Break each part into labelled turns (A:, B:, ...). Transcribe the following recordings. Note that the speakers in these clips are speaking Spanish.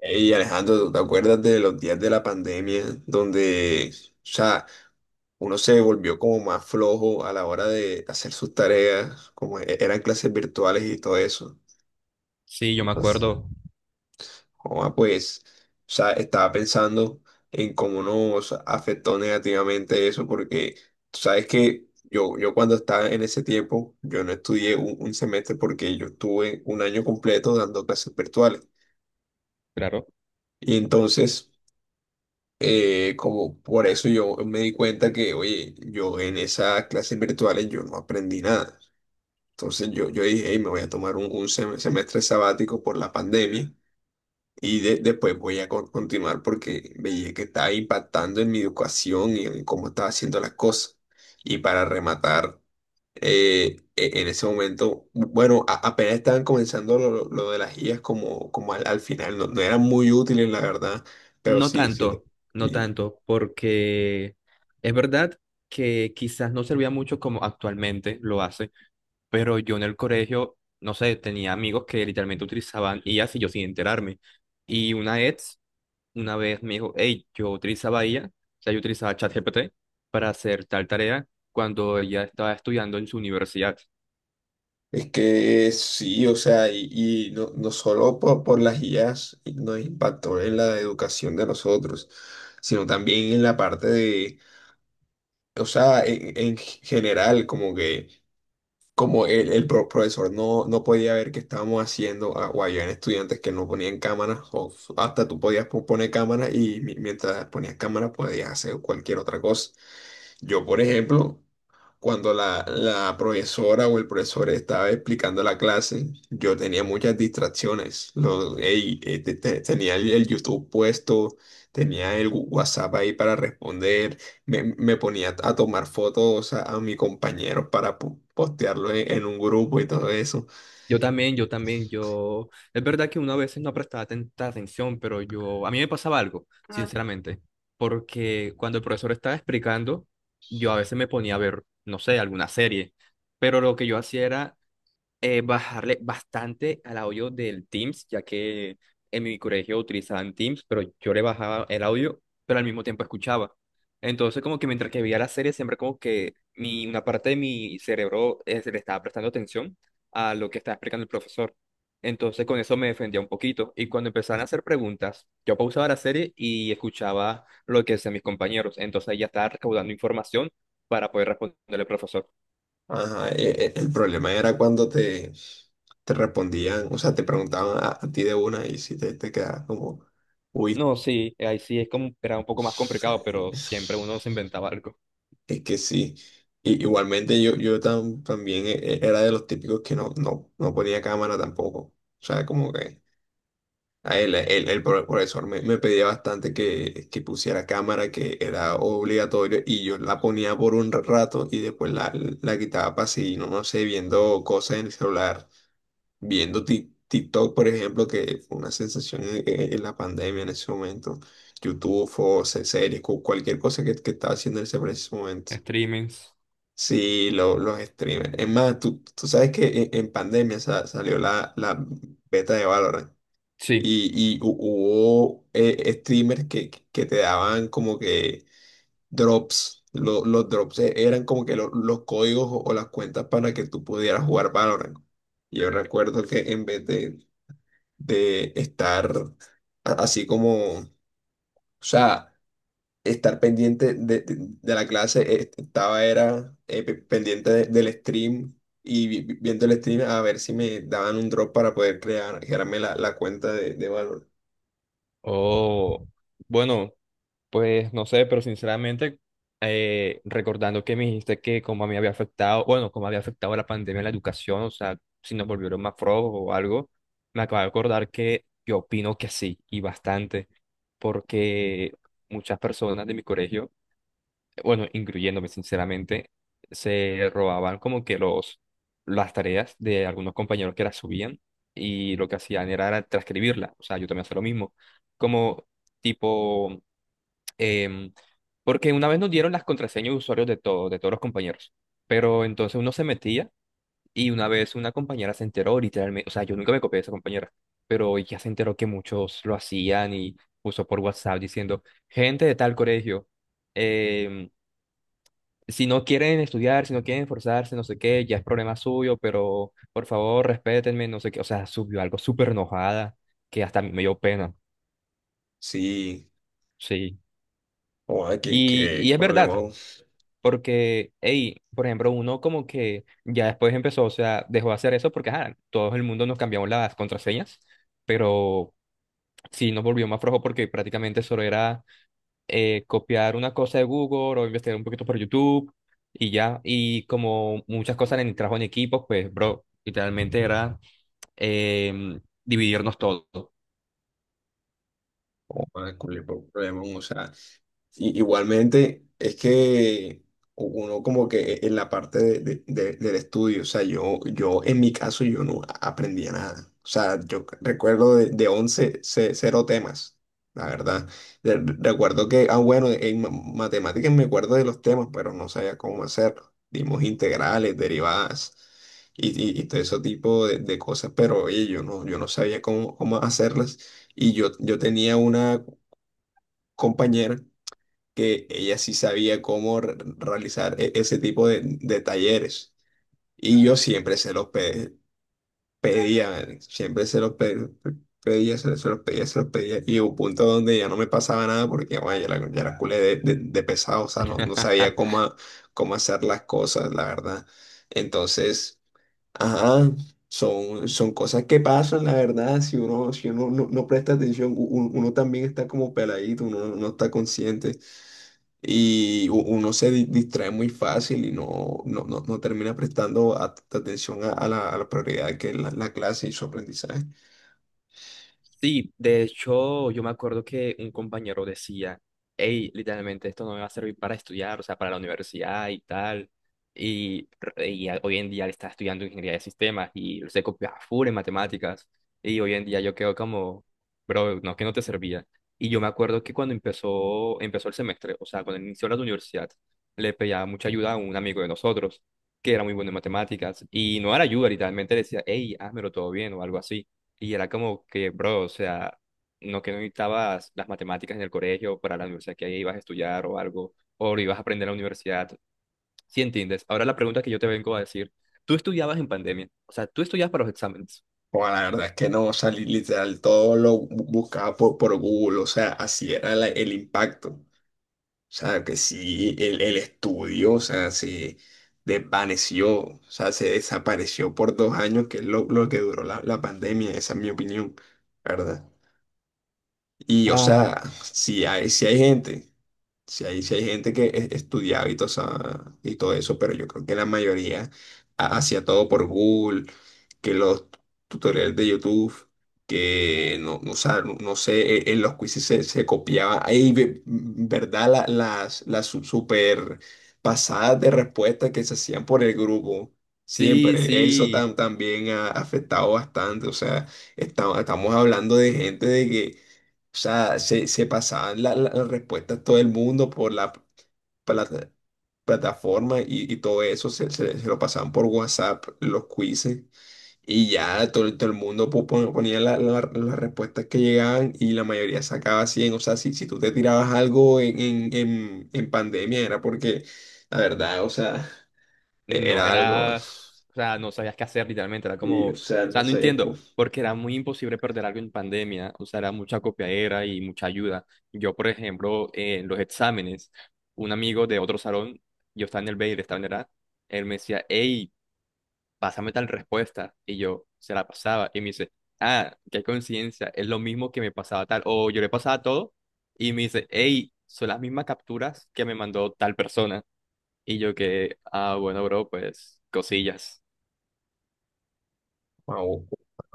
A: Hey Alejandro, ¿tú te acuerdas de los días de la pandemia donde, o sea, uno se volvió como más flojo a la hora de hacer sus tareas, como eran clases virtuales y todo eso?
B: Sí, yo me
A: Entonces,
B: acuerdo.
A: joda, pues, o sea, estaba pensando en cómo nos afectó negativamente eso, porque tú sabes que yo cuando estaba en ese tiempo, yo no estudié un semestre porque yo estuve un año completo dando clases virtuales.
B: Claro.
A: Y entonces... Como por eso yo me di cuenta que, oye, yo en esas clases virtuales yo no aprendí nada. Entonces yo dije, "Ey, me voy a tomar un semestre sabático por la pandemia y después voy a continuar porque veía que estaba impactando en mi educación y en cómo estaba haciendo las cosas. Y para rematar, en ese momento, bueno, apenas estaban comenzando lo de las guías como, como al final, no eran muy útiles, la verdad, pero
B: No
A: sí, sí.
B: tanto, no tanto, porque es verdad que quizás no servía mucho como actualmente lo hace, pero yo en el colegio, no sé, tenía amigos que literalmente utilizaban IAs y yo sin enterarme. Y una vez me dijo, hey, yo utilizaba IA, o sea, yo utilizaba ChatGPT para hacer tal tarea cuando ella estaba estudiando en su universidad.
A: Es que sí, o sea, y no solo por las IAs nos impactó en la educación de nosotros, sino también en la parte de, o sea, en general, como que como el profesor no podía ver qué estábamos haciendo, o había estudiantes que no ponían cámaras, o hasta tú podías poner cámaras y mientras ponías cámaras podías hacer cualquier otra cosa. Yo, por ejemplo, cuando la profesora o el profesor estaba explicando la clase, yo tenía muchas distracciones. Tenía el YouTube puesto, tenía el WhatsApp ahí para responder, me ponía a tomar fotos a mis compañeros para postearlo en un grupo y todo eso.
B: Yo también, yo también, yo... Es verdad que una veces no prestaba tanta atención, pero yo... A mí me pasaba algo, sinceramente, porque cuando el profesor estaba explicando, yo a veces me ponía a ver, no sé, alguna serie, pero lo que yo hacía era bajarle bastante al audio del Teams, ya que en mi colegio utilizaban Teams, pero yo le bajaba el audio, pero al mismo tiempo escuchaba. Entonces, como que mientras que veía la serie, siempre como que mi, una parte de mi cerebro se le estaba prestando atención a lo que estaba explicando el profesor. Entonces, con eso me defendía un poquito. Y cuando empezaban a hacer preguntas, yo pausaba la serie y escuchaba lo que decían mis compañeros. Entonces, ahí ya estaba recaudando información para poder responderle al profesor.
A: Ajá, el problema era cuando te respondían, o sea, te preguntaban a ti de una y si te quedabas como... Uy,
B: No, sí, ahí sí es como, era un poco más complicado, pero
A: Es
B: siempre uno se inventaba algo.
A: es que sí. Igualmente yo, yo también era de los típicos que no ponía cámara tampoco. O sea, como que el profesor me pedía bastante que pusiera cámara, que era obligatorio, y yo la ponía por un rato y después la quitaba para seguir, no sé, viendo cosas en el celular, viendo TikTok, por ejemplo, que fue una sensación en la pandemia en ese momento, YouTube, o series, cualquier cosa que estaba haciendo en ese preciso momento.
B: Streamings,
A: Sí, los streamers. Es más, tú sabes que en pandemia salió la beta de Valorant
B: sí.
A: y, y hubo streamers que te daban como que drops. Los drops eran como que los códigos o las cuentas para que tú pudieras jugar Valorant. Yo recuerdo que en vez de estar así como, o sea, estar pendiente de, de la clase, estaba era pendiente del stream y viendo el stream a ver si me daban un drop para poder crear, crearme la cuenta de Valor.
B: O, bueno, pues no sé, pero sinceramente, recordando que me dijiste que como a mí había afectado, bueno, como había afectado la pandemia en la educación, o sea, si nos volvieron más flojos o algo, me acabo de acordar que yo opino que sí, y bastante, porque muchas personas de mi colegio, bueno, incluyéndome sinceramente, se robaban como que los, las tareas de algunos compañeros que las subían y lo que hacían era, era transcribirla. O sea, yo también hacía lo mismo. Como tipo, em, porque una vez nos dieron las contraseñas de usuarios de todos los compañeros, pero entonces uno se metía y una vez una compañera se enteró literalmente, o sea, yo nunca me copié de esa compañera, pero ella se enteró que muchos lo hacían y puso por WhatsApp diciendo, gente de tal colegio. em, si no quieren estudiar, si no quieren esforzarse, no sé qué, ya es problema suyo, pero por favor, respétenme, no sé qué. O sea, subió algo súper enojada que hasta a mí me dio pena.
A: Sí,
B: Sí.
A: o que
B: Y es verdad, porque, hey, por ejemplo, uno como que ya después empezó, o sea, dejó de hacer eso porque, ajá, todo el mundo nos cambiamos las contraseñas, pero sí nos volvió más flojo porque prácticamente solo era copiar una cosa de Google o investigar un poquito por YouTube y ya. Y como muchas cosas en el trabajo en equipos pues, bro, literalmente era dividirnos todo.
A: qué problema, o sea. Y, igualmente, es que uno como que e, en la parte del estudio, o sea, yo en mi caso yo no aprendía nada. O sea, yo recuerdo de 11, cero temas, la verdad. Recuerdo que, ah, bueno, en matemáticas me acuerdo de los temas, pero no sabía cómo hacerlo. Dimos integrales, derivadas y, y todo ese tipo de cosas, pero oye, yo no sabía cómo, cómo hacerlas. Y yo tenía una compañera que ella sí sabía cómo realizar ese tipo de talleres. Y yo siempre se los pedía, man, siempre se los pedía, se los pedía, se los pedía. Y hubo un punto donde ya no me pasaba nada porque, bueno, ya la culé de, de pesado, o sea, no sabía cómo, cómo hacer las cosas, la verdad. Entonces, ajá. Son cosas que pasan, la verdad, si uno, si uno no presta atención, uno, también está como peladito, uno no está consciente y uno se distrae muy fácil y no termina prestando atención a la prioridad que es la clase y su aprendizaje.
B: Sí, de hecho, yo me acuerdo que un compañero decía, hey, literalmente esto no me va a servir para estudiar, o sea, para la universidad y tal. Y, hoy en día él está estudiando ingeniería de sistemas y se copia full en matemáticas. Y hoy en día yo quedo como, bro, no, que no te servía. Y yo me acuerdo que cuando empezó el semestre, o sea, cuando inició la universidad, le pedía mucha ayuda a un amigo de nosotros, que era muy bueno en matemáticas. Y no era ayuda, literalmente le decía, hey, házmelo todo bien o algo así. Y era como que, bro, o sea, no que no necesitabas las matemáticas en el colegio para la universidad que ibas a estudiar o algo, o lo ibas a aprender en la universidad. ¿Sí entiendes? Ahora la pregunta que yo te vengo a decir, tú estudiabas en pandemia, o sea, tú estudiabas para los exámenes.
A: O la verdad es que no, salí literal, todo lo buscaba por Google, o sea, así era el impacto. O sea, que sí, el estudio, o sea, se desvaneció, o sea, se desapareció por dos años, que es lo que duró la pandemia, esa es mi opinión, ¿verdad? Y, o
B: Ah.
A: sea, si hay, si hay gente. Si hay, si hay gente que estudiaba y todo, y todo eso, pero yo creo que la mayoría hacía todo por Google, que los tutoriales de YouTube, que no sé, en los quizzes se copiaba. Hay, ¿verdad? Las super pasadas de respuestas que se hacían por el grupo.
B: Sí,
A: Siempre, eso
B: sí.
A: también ha afectado bastante. O sea, estamos hablando de gente de que, o sea, se pasaban las respuestas todo el mundo por la, por plataforma y todo eso, se lo pasaban por WhatsApp, los quizzes, y ya todo el mundo ponía las respuestas que llegaban y la mayoría sacaba 100. O sea, si tú te tirabas algo en pandemia era porque, la verdad, o sea,
B: No
A: era algo,
B: era, o sea, no sabías qué hacer literalmente, era
A: y,
B: como,
A: o
B: o
A: sea, no
B: sea, no
A: sé.
B: entiendo, porque era muy imposible perder algo en pandemia, o sea, era mucha copiadera y mucha ayuda. Yo, por ejemplo, en los exámenes, un amigo de otro salón, yo estaba en el B y él estaba en el A, él me decía, hey, pásame tal respuesta, y yo se la pasaba, y me dice, ah, qué coincidencia, es lo mismo que me pasaba tal, o yo le pasaba todo, y me dice, hey, son las mismas capturas que me mandó tal persona. Y yo que, ah, bueno, bro, pues cosillas.
A: Wow,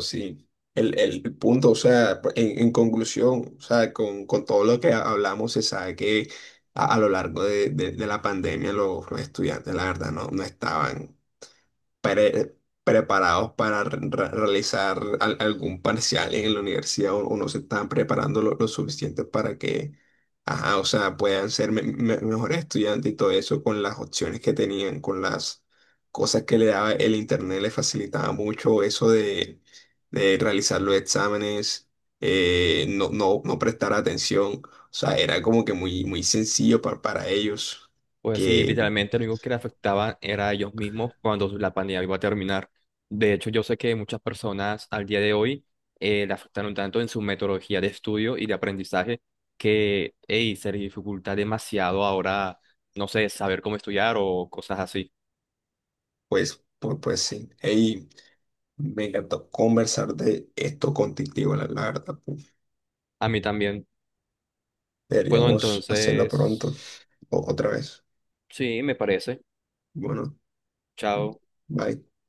A: sí. El, el punto, o sea, en conclusión, o sea, con todo lo que hablamos, se sabe que a lo largo de, de la pandemia los estudiantes, la verdad, no estaban pre- preparados para realizar algún parcial en la universidad o no se están preparando lo suficiente para que, ajá, o sea, puedan ser mejores estudiantes y todo eso con las opciones que tenían, con las cosas que le daba el internet, le facilitaba mucho eso de realizar los exámenes, no prestar atención, o sea, era como que muy sencillo para ellos
B: Pues sí,
A: que,
B: literalmente lo único que le afectaba era a ellos mismos cuando la pandemia iba a terminar. De hecho, yo sé que muchas personas al día de hoy le afectaron tanto en su metodología de estudio y de aprendizaje que, hey, se les dificulta demasiado ahora, no sé, saber cómo estudiar o cosas así.
A: pues, pues sí. Ey, me encantó conversar de esto contigo, la verdad. Pu.
B: A mí también. Bueno,
A: Deberíamos hacerlo pronto
B: entonces,
A: o otra vez.
B: sí, me parece.
A: Bueno,
B: Chao.
A: bye.